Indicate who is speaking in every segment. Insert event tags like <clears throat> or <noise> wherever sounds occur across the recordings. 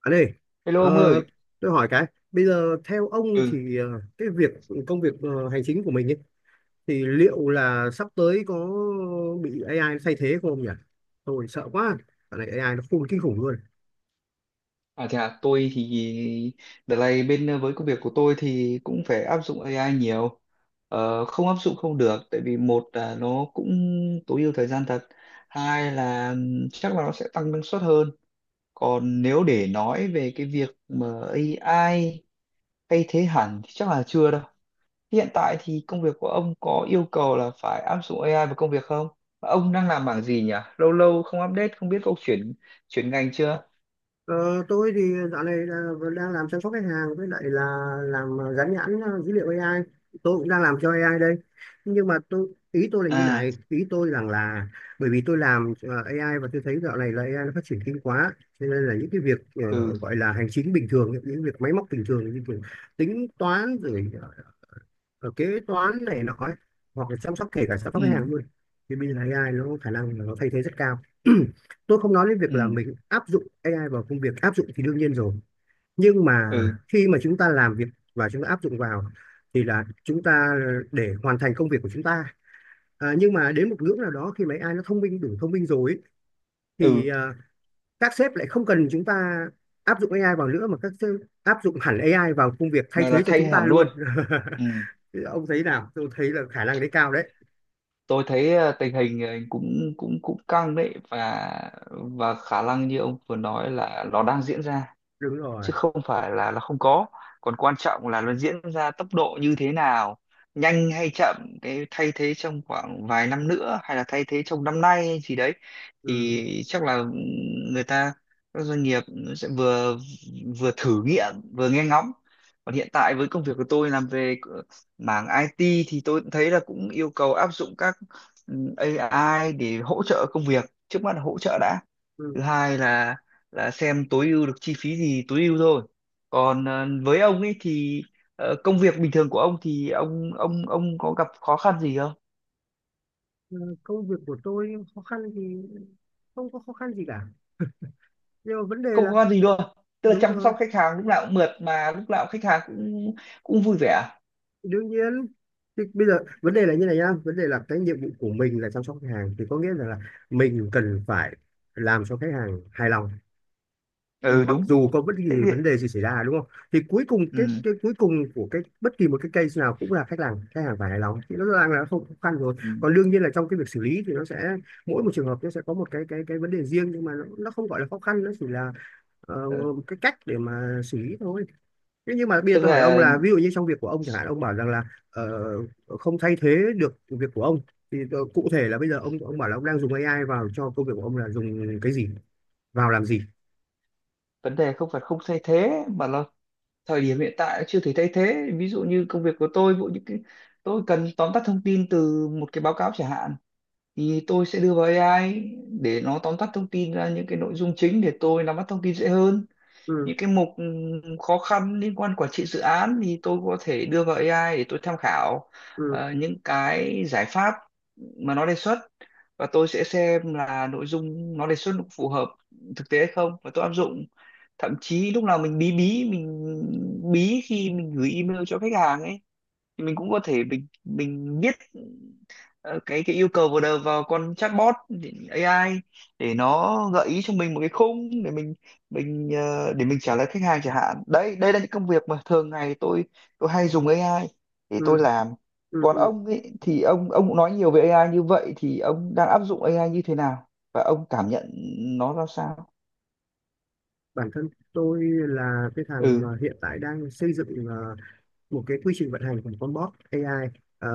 Speaker 1: Anh ơi,
Speaker 2: Hello
Speaker 1: ờ,
Speaker 2: ông ơi.
Speaker 1: tôi hỏi cái, bây giờ theo ông
Speaker 2: Ừ,
Speaker 1: thì cái việc công việc hành chính của mình ấy, thì liệu là sắp tới có bị AI nó thay thế không nhỉ? Tôi sợ quá, cái này AI nó khôn kinh khủng luôn.
Speaker 2: à thế à, tôi thì đợt này bên với công việc của tôi thì cũng phải áp dụng AI nhiều. Không áp dụng không được, tại vì một là nó cũng tối ưu thời gian thật, hai là chắc là nó sẽ tăng năng suất hơn. Còn nếu để nói về cái việc mà AI thay thế hẳn thì chắc là chưa đâu. Hiện tại thì công việc của ông có yêu cầu là phải áp dụng AI vào công việc không? Và ông đang làm bảng gì nhỉ? Lâu lâu không update, không biết ông chuyển chuyển ngành chưa?
Speaker 1: Ờ, tôi thì dạo này là- đang làm chăm sóc khách hàng với lại là làm gắn nhãn dữ liệu AI. Tôi cũng đang làm cho AI đây. Nhưng mà tôi ý tôi là như
Speaker 2: À.
Speaker 1: này, ý tôi rằng là bởi vì tôi làm AI và tôi thấy dạo này là AI nó phát triển kinh quá, cho nên là những cái việc
Speaker 2: Ừ,
Speaker 1: gọi là hành chính bình thường, những việc máy móc bình thường như kiểu tính toán rồi ở kế toán này nọ ấy, hoặc là chăm sóc kể cả chăm sóc khách
Speaker 2: ừ,
Speaker 1: hàng luôn thì bây giờ AI nó có khả năng là nó thay thế rất cao. <clears throat> Tôi không nói đến việc là
Speaker 2: ừ,
Speaker 1: mình áp dụng AI vào công việc, áp dụng thì đương nhiên rồi, nhưng mà
Speaker 2: ừ,
Speaker 1: khi mà chúng ta làm việc và chúng ta áp dụng vào thì là chúng ta để hoàn thành công việc của chúng ta. Nhưng mà đến một ngưỡng nào đó khi mà AI nó thông minh đủ thông minh rồi ấy,
Speaker 2: ừ.
Speaker 1: thì à, các sếp lại không cần chúng ta áp dụng AI vào nữa mà các sếp áp dụng hẳn AI vào công việc thay
Speaker 2: Mà
Speaker 1: thế
Speaker 2: là
Speaker 1: cho
Speaker 2: thay
Speaker 1: chúng ta
Speaker 2: hẳn
Speaker 1: luôn.
Speaker 2: luôn.
Speaker 1: <laughs>
Speaker 2: Ừ,
Speaker 1: Thì ông thấy nào, tôi thấy là khả năng đấy cao đấy.
Speaker 2: tôi thấy tình hình cũng cũng cũng căng đấy, và khả năng như ông vừa nói là nó đang diễn ra
Speaker 1: Đúng
Speaker 2: chứ
Speaker 1: rồi.
Speaker 2: không phải là nó không có. Còn quan trọng là nó diễn ra tốc độ như thế nào, nhanh hay chậm, cái thay thế trong khoảng vài năm nữa hay là thay thế trong năm nay hay gì đấy.
Speaker 1: Ừ.
Speaker 2: Thì chắc là người ta, các doanh nghiệp sẽ vừa vừa thử nghiệm vừa nghe ngóng. Còn hiện tại với công việc của tôi làm về mảng IT thì tôi cũng thấy là cũng yêu cầu áp dụng các ừ, AI để hỗ trợ công việc, trước mắt là hỗ trợ đã.
Speaker 1: Ừ.
Speaker 2: Thứ hai là xem tối ưu được chi phí gì tối ưu thôi. Còn với ông ấy thì công việc bình thường của ông thì ông có gặp khó khăn gì không?
Speaker 1: Ờ, công việc của tôi khó khăn thì không có khó khăn gì cả, nhưng mà vấn đề
Speaker 2: Không
Speaker 1: là
Speaker 2: khó khăn gì luôn, tức là
Speaker 1: đúng
Speaker 2: chăm
Speaker 1: rồi,
Speaker 2: sóc khách hàng lúc nào cũng mượt mà, lúc nào khách hàng cũng cũng vui vẻ.
Speaker 1: đương nhiên. Thì bây giờ vấn đề là như này nhá, vấn đề là cái nhiệm vụ của mình là chăm sóc khách hàng thì có nghĩa là, mình cần phải làm cho khách hàng hài lòng
Speaker 2: Ừ,
Speaker 1: mặc
Speaker 2: đúng.
Speaker 1: dù có bất kỳ
Speaker 2: thế thì-
Speaker 1: vấn đề gì xảy ra, đúng không? Thì cuối cùng cái
Speaker 2: ừ,
Speaker 1: cái cuối cùng của cái bất kỳ một cái case nào cũng là khách hàng phải hài lòng, thì nó đang là không khó khăn rồi.
Speaker 2: ừ,
Speaker 1: Còn đương nhiên là trong cái việc xử lý thì nó sẽ mỗi một trường hợp nó sẽ có một cái cái vấn đề riêng, nhưng mà nó không gọi là khó khăn, nó chỉ là ờ,
Speaker 2: ừ.
Speaker 1: cái cách để mà xử lý thôi. Thế nhưng mà bây giờ
Speaker 2: Tức
Speaker 1: tôi hỏi ông
Speaker 2: là
Speaker 1: là ví dụ như trong việc của ông chẳng hạn, ông bảo rằng là ờ, không thay thế được việc của ông, thì cụ thể là bây giờ ông bảo là ông đang dùng AI vào cho công việc của ông là dùng cái gì vào làm gì.
Speaker 2: vấn đề không phải không thay thế mà là thời điểm hiện tại chưa thể thay thế. Ví dụ như công việc của tôi, ví dụ những cái tôi cần tóm tắt thông tin từ một cái báo cáo chẳng hạn, thì tôi sẽ đưa vào AI để nó tóm tắt thông tin ra những cái nội dung chính để tôi nắm bắt thông tin dễ hơn.
Speaker 1: Ừ.
Speaker 2: Những cái mục khó khăn liên quan quản trị dự án thì tôi có thể đưa vào AI để tôi tham khảo
Speaker 1: Ừ.
Speaker 2: những cái giải pháp mà nó đề xuất, và tôi sẽ xem là nội dung nó đề xuất nó phù hợp thực tế hay không và tôi áp dụng. Thậm chí lúc nào mình bí bí mình bí khi mình gửi email cho khách hàng ấy, thì mình cũng có thể mình viết ờ, cái yêu cầu vào đầu vào con chatbot, thì AI để nó gợi ý cho mình một cái khung để mình trả lời khách hàng chẳng hạn. Đấy, đây là những công việc mà thường ngày tôi hay dùng AI để tôi
Speaker 1: Ừ.
Speaker 2: làm.
Speaker 1: Ừ,
Speaker 2: Còn
Speaker 1: ừ.
Speaker 2: ông ấy thì ông cũng nói nhiều về AI như vậy, thì ông đang áp dụng AI như thế nào và ông cảm nhận nó ra sao?
Speaker 1: Bản thân tôi là cái thằng
Speaker 2: Ừ,
Speaker 1: mà hiện tại đang xây dựng một cái quy trình vận hành của con bot AI. Ờ,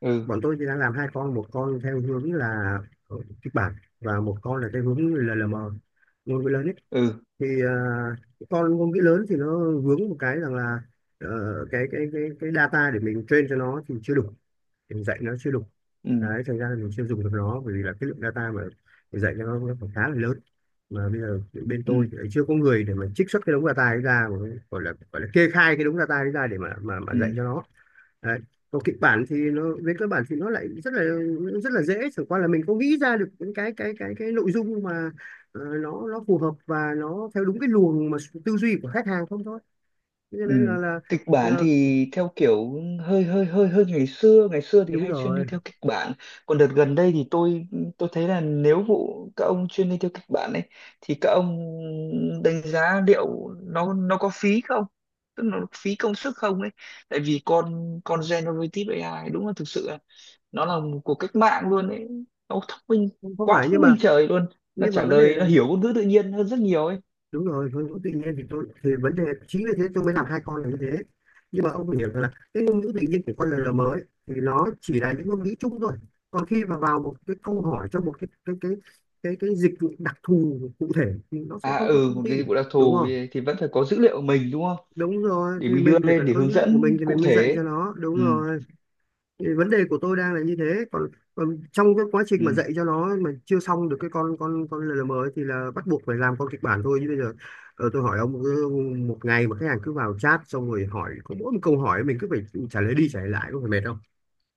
Speaker 2: ừ,
Speaker 1: bọn tôi thì đang làm hai con, một con theo hướng là kịch bản, và một con là theo hướng LLM, ngôn ngữ lớn ấy.
Speaker 2: ừ,
Speaker 1: Thì ờ, cái con ngôn ngữ lớn thì nó vướng một cái rằng là ờ, cái data để mình train cho nó thì chưa đủ, mình dạy nó chưa đủ.
Speaker 2: ừ,
Speaker 1: Đấy, thành ra là mình chưa dùng được nó, bởi vì là cái lượng data mà mình dạy cho nó còn khá là lớn, mà bây giờ bên
Speaker 2: ừ,
Speaker 1: tôi thì lại chưa có người để mà trích xuất cái đống data ấy ra, mà gọi là kê khai cái đống data ấy ra để mà
Speaker 2: ừ,
Speaker 1: dạy cho nó. Đấy. Còn kịch bản thì nó về cơ bản thì nó lại rất là dễ, chẳng qua là mình có nghĩ ra được những cái nội dung mà nó phù hợp và nó theo đúng cái luồng mà tư duy của khách hàng không thôi. Thế cho
Speaker 2: ừ.
Speaker 1: nên
Speaker 2: Kịch bản
Speaker 1: ờ,
Speaker 2: thì theo kiểu hơi hơi hơi hơi ngày xưa, ngày xưa thì
Speaker 1: đúng
Speaker 2: hay chuyên đi
Speaker 1: rồi.
Speaker 2: theo kịch bản. Còn đợt gần đây thì tôi thấy là nếu vụ các ông chuyên đi theo kịch bản ấy, thì các ông đánh giá liệu nó có phí không, tức là nó phí công sức không ấy. Tại vì con generative AI đúng là thực sự là nó là một cuộc cách mạng luôn ấy, nó thông minh
Speaker 1: Không không
Speaker 2: quá,
Speaker 1: phải,
Speaker 2: thông minh trời luôn, nó
Speaker 1: nhưng mà
Speaker 2: trả
Speaker 1: vấn đề
Speaker 2: lời,
Speaker 1: là
Speaker 2: nó hiểu ngôn ngữ tự nhiên hơn rất nhiều ấy.
Speaker 1: đúng rồi, ngôn ngữ tự nhiên thì tôi thì vấn đề chính vì thế tôi mới làm hai con là như thế. Nhưng mà ông phải hiểu rằng là cái ngôn ngữ tự nhiên của con LLM mới thì nó chỉ là những ngôn ngữ chung thôi, còn khi mà vào một cái câu hỏi trong một cái cái dịch vụ đặc thù cụ thể thì nó sẽ
Speaker 2: À,
Speaker 1: không có
Speaker 2: ừ,
Speaker 1: thông
Speaker 2: một cái
Speaker 1: tin,
Speaker 2: vụ đặc
Speaker 1: đúng
Speaker 2: thù
Speaker 1: không?
Speaker 2: thì vẫn phải có dữ liệu của mình đúng không,
Speaker 1: Đúng rồi,
Speaker 2: để
Speaker 1: thì
Speaker 2: mình đưa
Speaker 1: mình phải
Speaker 2: lên
Speaker 1: cần
Speaker 2: để
Speaker 1: có
Speaker 2: hướng
Speaker 1: dữ liệu của mình
Speaker 2: dẫn
Speaker 1: thì
Speaker 2: cụ
Speaker 1: mình mới dạy
Speaker 2: thể.
Speaker 1: cho nó, đúng
Speaker 2: Ừ,
Speaker 1: rồi. Thì vấn đề của tôi đang là như thế. Còn trong cái quá trình mà
Speaker 2: ừ,
Speaker 1: dạy cho nó mà chưa xong được cái con LLM ấy thì là bắt buộc phải làm con kịch bản thôi như bây giờ. Ờ, tôi hỏi ông, cứ một ngày mà khách hàng cứ vào chat xong rồi hỏi có mỗi một câu hỏi mình cứ phải trả lời đi trả lời lại có phải mệt không?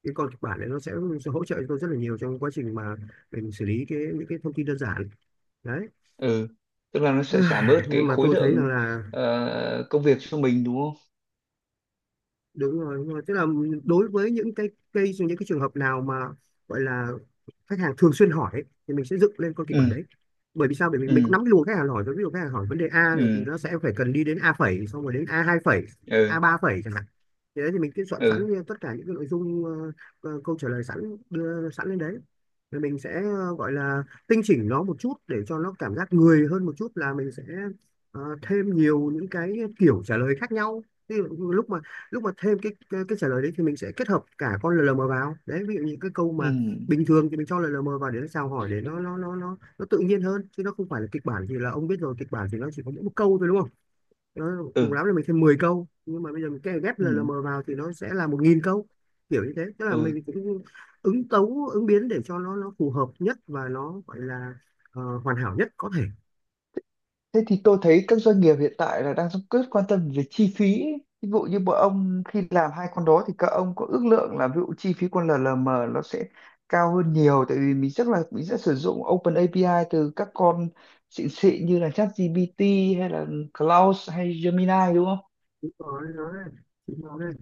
Speaker 1: Cái con kịch bản đấy sẽ hỗ trợ cho tôi rất là nhiều trong quá trình mà mình xử lý những cái thông tin đơn giản đấy.
Speaker 2: ừ. Tức là nó sẽ giảm bớt
Speaker 1: <sighs>
Speaker 2: cái
Speaker 1: Nhưng mà
Speaker 2: khối
Speaker 1: tôi thấy rằng
Speaker 2: lượng
Speaker 1: là
Speaker 2: công việc cho mình đúng không?
Speaker 1: đúng rồi, đúng rồi, tức là đối với những cái cây những cái trường hợp nào mà gọi là khách hàng thường xuyên hỏi ấy, thì mình sẽ dựng lên con kịch bản
Speaker 2: Ừ,
Speaker 1: đấy. Bởi vì sao? Bởi vì mình cũng
Speaker 2: ừ,
Speaker 1: nắm cái luồng khách hàng hỏi rồi, ví dụ khách hàng hỏi vấn đề A này thì
Speaker 2: ừ,
Speaker 1: nó sẽ phải cần đi đến A phẩy, xong rồi đến A hai phẩy, A
Speaker 2: ừ,
Speaker 1: ba phẩy chẳng hạn. Thì đấy, thì mình cứ soạn sẵn
Speaker 2: ừ,
Speaker 1: tất cả những cái nội dung câu trả lời sẵn, đưa sẵn lên đấy, rồi mình sẽ gọi là tinh chỉnh nó một chút để cho nó cảm giác người hơn một chút, là mình sẽ thêm nhiều những cái kiểu trả lời khác nhau. Ví dụ lúc mà Lúc mà thêm cái trả lời đấy thì mình sẽ kết hợp cả con lờ LLM vào đấy, ví dụ những cái câu
Speaker 2: ừ,
Speaker 1: mà bình thường thì mình cho lờ LLM vào để nó chào hỏi, để nó tự nhiên hơn chứ nó không phải là kịch bản. Thì là ông biết rồi, kịch bản thì nó chỉ có mỗi một câu thôi, đúng không? Cùng
Speaker 2: ừ,
Speaker 1: lắm là mình thêm 10 câu, nhưng mà bây giờ mình ghép
Speaker 2: ừ,
Speaker 1: LLM vào thì nó sẽ là 1000 câu, kiểu như thế. Tức là
Speaker 2: ừ.
Speaker 1: mình cũng ứng tấu ứng biến để cho nó phù hợp nhất và nó gọi là hoàn hảo nhất có thể.
Speaker 2: Thế thì tôi thấy các doanh nghiệp hiện tại là đang rất quan tâm về chi phí ấy. Ví dụ như bọn ông khi làm hai con đó thì các ông có ước lượng là ví dụ chi phí con LLM nó sẽ cao hơn nhiều, tại vì mình chắc là mình sẽ sử dụng Open API từ các con xịn xịn như là ChatGPT hay là Claude hay Gemini đúng không?
Speaker 1: Đúng rồi nói đấy. Đúng rồi.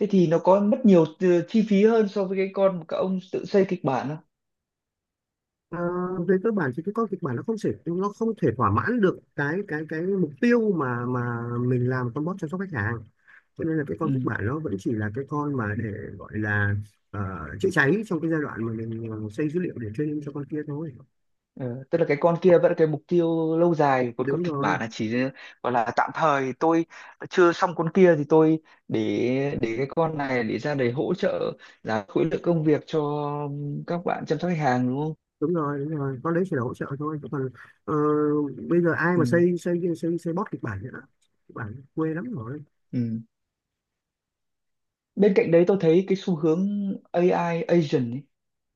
Speaker 2: Thế thì nó có mất nhiều chi phí hơn so với cái con mà các ông tự xây kịch bản
Speaker 1: Ờ, về cơ bản thì cái con kịch bản nó không thể thỏa mãn được cái mục tiêu mà mình làm con bot chăm sóc khách hàng, cho nên là cái con kịch
Speaker 2: không?
Speaker 1: bản nó vẫn chỉ là cái con mà để gọi là ờ, chữa cháy trong cái giai đoạn mà mình xây dữ liệu để training cho con kia thôi.
Speaker 2: Ừ, tức là cái con kia vẫn là cái mục tiêu lâu dài, còn con
Speaker 1: Đúng
Speaker 2: kịch
Speaker 1: rồi,
Speaker 2: bản là chỉ gọi là tạm thời, tôi chưa xong con kia thì tôi để cái con này để ra để hỗ trợ giảm khối lượng công việc cho các bạn chăm sóc khách hàng đúng không?
Speaker 1: đúng rồi, đúng rồi, con đấy chỉ là hỗ trợ thôi chứ còn ờ, bây giờ ai mà
Speaker 2: Ừ,
Speaker 1: xây xây xây xây bot kịch bản nữa, kịch bản quê lắm rồi.
Speaker 2: ừ. Bên cạnh đấy tôi thấy cái xu hướng AI agent ấy,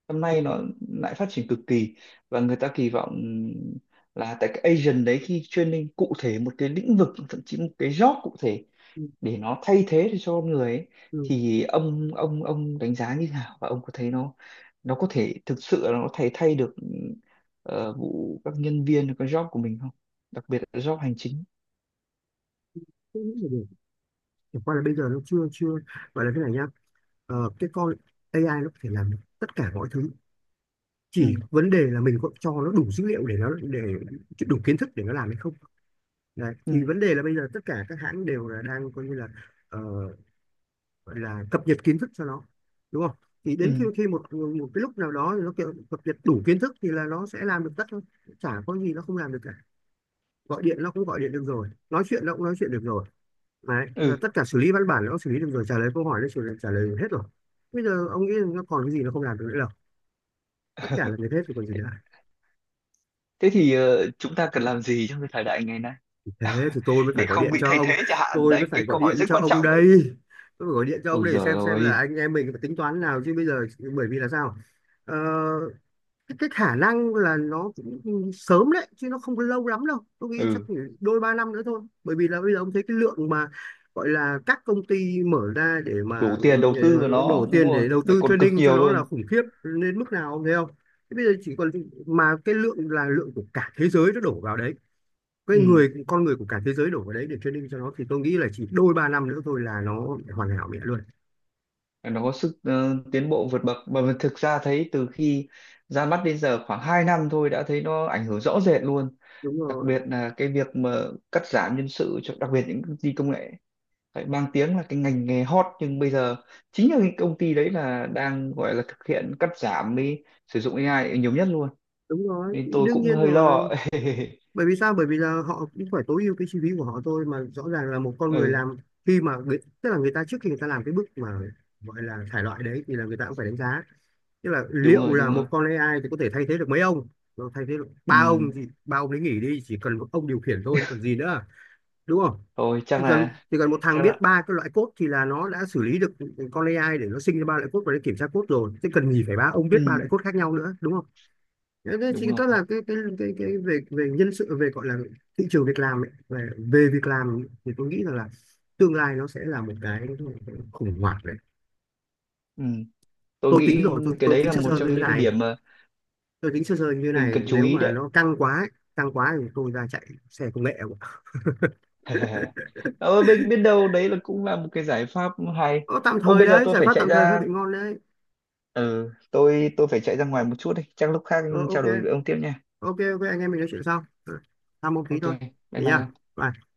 Speaker 2: hôm nay
Speaker 1: Ừ,
Speaker 2: nó lại phát triển cực kỳ, và người ta kỳ vọng là tại cái agent đấy khi training cụ thể một cái lĩnh vực, thậm chí một cái job cụ thể,
Speaker 1: ừ,
Speaker 2: để nó thay thế được cho con người ấy,
Speaker 1: ừ.
Speaker 2: thì ông đánh giá như thế nào và ông có thấy nó có thể thực sự là nó thay thay được vụ các nhân viên cái job của mình không, đặc biệt là job hành chính?
Speaker 1: Không nghĩ là được. Chẳng qua là bây giờ nó chưa chưa gọi là thế này nhá. Ờ, cái con AI nó có thể làm tất cả mọi thứ, chỉ
Speaker 2: Ừ,
Speaker 1: vấn đề là mình có cho nó đủ dữ liệu để nó để đủ kiến thức để nó làm hay không. Đấy.
Speaker 2: ừ,
Speaker 1: Thì vấn đề là bây giờ tất cả các hãng đều là đang coi như là ờ, gọi là cập nhật kiến thức cho nó, đúng không? Thì đến khi
Speaker 2: ừ,
Speaker 1: khi một một cái lúc nào đó thì nó kiểu cập nhật đủ kiến thức thì là nó sẽ làm được tất thôi, chả có gì nó không làm được cả. Gọi điện nó cũng gọi điện được rồi, nói chuyện nó cũng nói chuyện được rồi. Đấy. Thế là
Speaker 2: ừ.
Speaker 1: tất cả xử lý văn bản nó cũng xử lý được rồi, trả lời câu hỏi trả lời hết rồi. Bây giờ ông nghĩ là nó còn cái gì nó không làm được nữa, tất
Speaker 2: <laughs>
Speaker 1: cả là như thế thì còn gì nữa.
Speaker 2: Thế thì chúng ta cần làm gì trong cái thời đại ngày nay
Speaker 1: Thế thì tôi mới
Speaker 2: để
Speaker 1: phải gọi
Speaker 2: không
Speaker 1: điện
Speaker 2: bị
Speaker 1: cho
Speaker 2: thay
Speaker 1: ông,
Speaker 2: thế chẳng hạn,
Speaker 1: tôi mới
Speaker 2: đấy
Speaker 1: phải
Speaker 2: cái
Speaker 1: gọi
Speaker 2: câu hỏi
Speaker 1: điện
Speaker 2: rất
Speaker 1: cho
Speaker 2: quan
Speaker 1: ông
Speaker 2: trọng ấy.
Speaker 1: đây. Tôi phải gọi điện cho ông
Speaker 2: Ôi
Speaker 1: để
Speaker 2: giời
Speaker 1: xem là
Speaker 2: ơi.
Speaker 1: anh em mình phải tính toán nào chứ bây giờ. Bởi vì là sao, ờ, cái khả năng là nó cũng sớm đấy chứ nó không có lâu lắm đâu, tôi nghĩ chắc
Speaker 2: Ừ,
Speaker 1: chỉ đôi ba năm nữa thôi. Bởi vì là bây giờ ông thấy cái lượng mà gọi là các công ty mở ra để mà
Speaker 2: đủ tiền đầu tư vào
Speaker 1: đổ
Speaker 2: nó đúng
Speaker 1: tiền
Speaker 2: rồi,
Speaker 1: để đầu
Speaker 2: lại
Speaker 1: tư
Speaker 2: còn cực
Speaker 1: training cho
Speaker 2: nhiều
Speaker 1: nó là
Speaker 2: luôn.
Speaker 1: khủng khiếp đến mức nào, ông thấy không? Thế bây giờ chỉ còn, mà cái lượng là lượng của cả thế giới nó đổ vào đấy, cái
Speaker 2: Ừ,
Speaker 1: người con người của cả thế giới đổ vào đấy để training cho nó, thì tôi nghĩ là chỉ đôi ba năm nữa thôi là nó hoàn hảo mẹ luôn.
Speaker 2: nó có sức tiến bộ vượt bậc mà mình thực ra thấy từ khi ra mắt đến giờ khoảng 2 năm thôi đã thấy nó ảnh hưởng rõ rệt luôn,
Speaker 1: Đúng
Speaker 2: đặc
Speaker 1: rồi,
Speaker 2: biệt là cái việc mà cắt giảm nhân sự cho đặc biệt những công ty công nghệ. Phải mang tiếng là cái ngành nghề hot nhưng bây giờ chính là cái công ty đấy là đang gọi là thực hiện cắt giảm, đi sử dụng AI nhiều nhất luôn.
Speaker 1: đúng rồi,
Speaker 2: Nên tôi
Speaker 1: đương
Speaker 2: cũng
Speaker 1: nhiên
Speaker 2: hơi
Speaker 1: rồi.
Speaker 2: lo. <laughs>
Speaker 1: Bởi vì sao? Bởi vì là họ cũng phải tối ưu cái chi phí của họ thôi mà, rõ ràng là một con người
Speaker 2: Ừ,
Speaker 1: làm, tức là người ta trước khi người ta làm cái bước mà gọi là thải loại đấy, thì là người ta cũng phải đánh giá, tức là
Speaker 2: đúng
Speaker 1: liệu
Speaker 2: rồi,
Speaker 1: là
Speaker 2: đúng
Speaker 1: một
Speaker 2: rồi.
Speaker 1: con AI thì có thể thay thế được mấy ông. Nó thay thế được ba
Speaker 2: Ừ,
Speaker 1: ông thì ba ông đấy nghỉ đi, chỉ cần một ông điều khiển thôi còn gì nữa, đúng không?
Speaker 2: thôi
Speaker 1: chỉ
Speaker 2: chắc
Speaker 1: cần
Speaker 2: là,
Speaker 1: chỉ cần một thằng
Speaker 2: chắc
Speaker 1: biết
Speaker 2: là,
Speaker 1: ba cái loại code thì là nó đã xử lý được con AI để nó sinh ra ba loại code và nó kiểm tra code rồi, thế cần gì phải ba ông
Speaker 2: ừ,
Speaker 1: biết ba loại code khác nhau nữa, đúng không? Thế thế thì
Speaker 2: đúng
Speaker 1: tức
Speaker 2: rồi.
Speaker 1: là cái về về nhân sự, về gọi là thị trường việc làm ấy, về về việc làm thì tôi nghĩ rằng là tương lai nó sẽ là một cái khủng hoảng đấy.
Speaker 2: Ừ, tôi nghĩ cái
Speaker 1: Tôi
Speaker 2: đấy
Speaker 1: tính
Speaker 2: là
Speaker 1: sơ
Speaker 2: một
Speaker 1: sơ như
Speaker 2: trong
Speaker 1: thế
Speaker 2: những cái
Speaker 1: này,
Speaker 2: điểm
Speaker 1: tôi tính sơ sơ như thế
Speaker 2: mình
Speaker 1: này
Speaker 2: cần chú
Speaker 1: nếu
Speaker 2: ý
Speaker 1: mà
Speaker 2: đấy.
Speaker 1: nó căng quá thì tôi ra chạy xe công nghệ.
Speaker 2: <laughs> Ờ, mình biết đâu đấy là cũng là một cái giải pháp hay.
Speaker 1: Ờ, tạm
Speaker 2: Ô,
Speaker 1: thời
Speaker 2: bây giờ
Speaker 1: đấy,
Speaker 2: tôi
Speaker 1: giải
Speaker 2: phải
Speaker 1: pháp
Speaker 2: chạy
Speaker 1: tạm thời hơi
Speaker 2: ra,
Speaker 1: bị ngon đấy.
Speaker 2: ừ, tôi phải chạy ra ngoài một chút, đi chắc lúc khác
Speaker 1: Ờ, ok.
Speaker 2: trao đổi với ông tiếp nha.
Speaker 1: Ok, ok, anh em mình nói chuyện sau. Ừ, tham môn tí
Speaker 2: Ok,
Speaker 1: thôi,
Speaker 2: bye
Speaker 1: thế
Speaker 2: bye
Speaker 1: nhá.
Speaker 2: ông.
Speaker 1: Bye.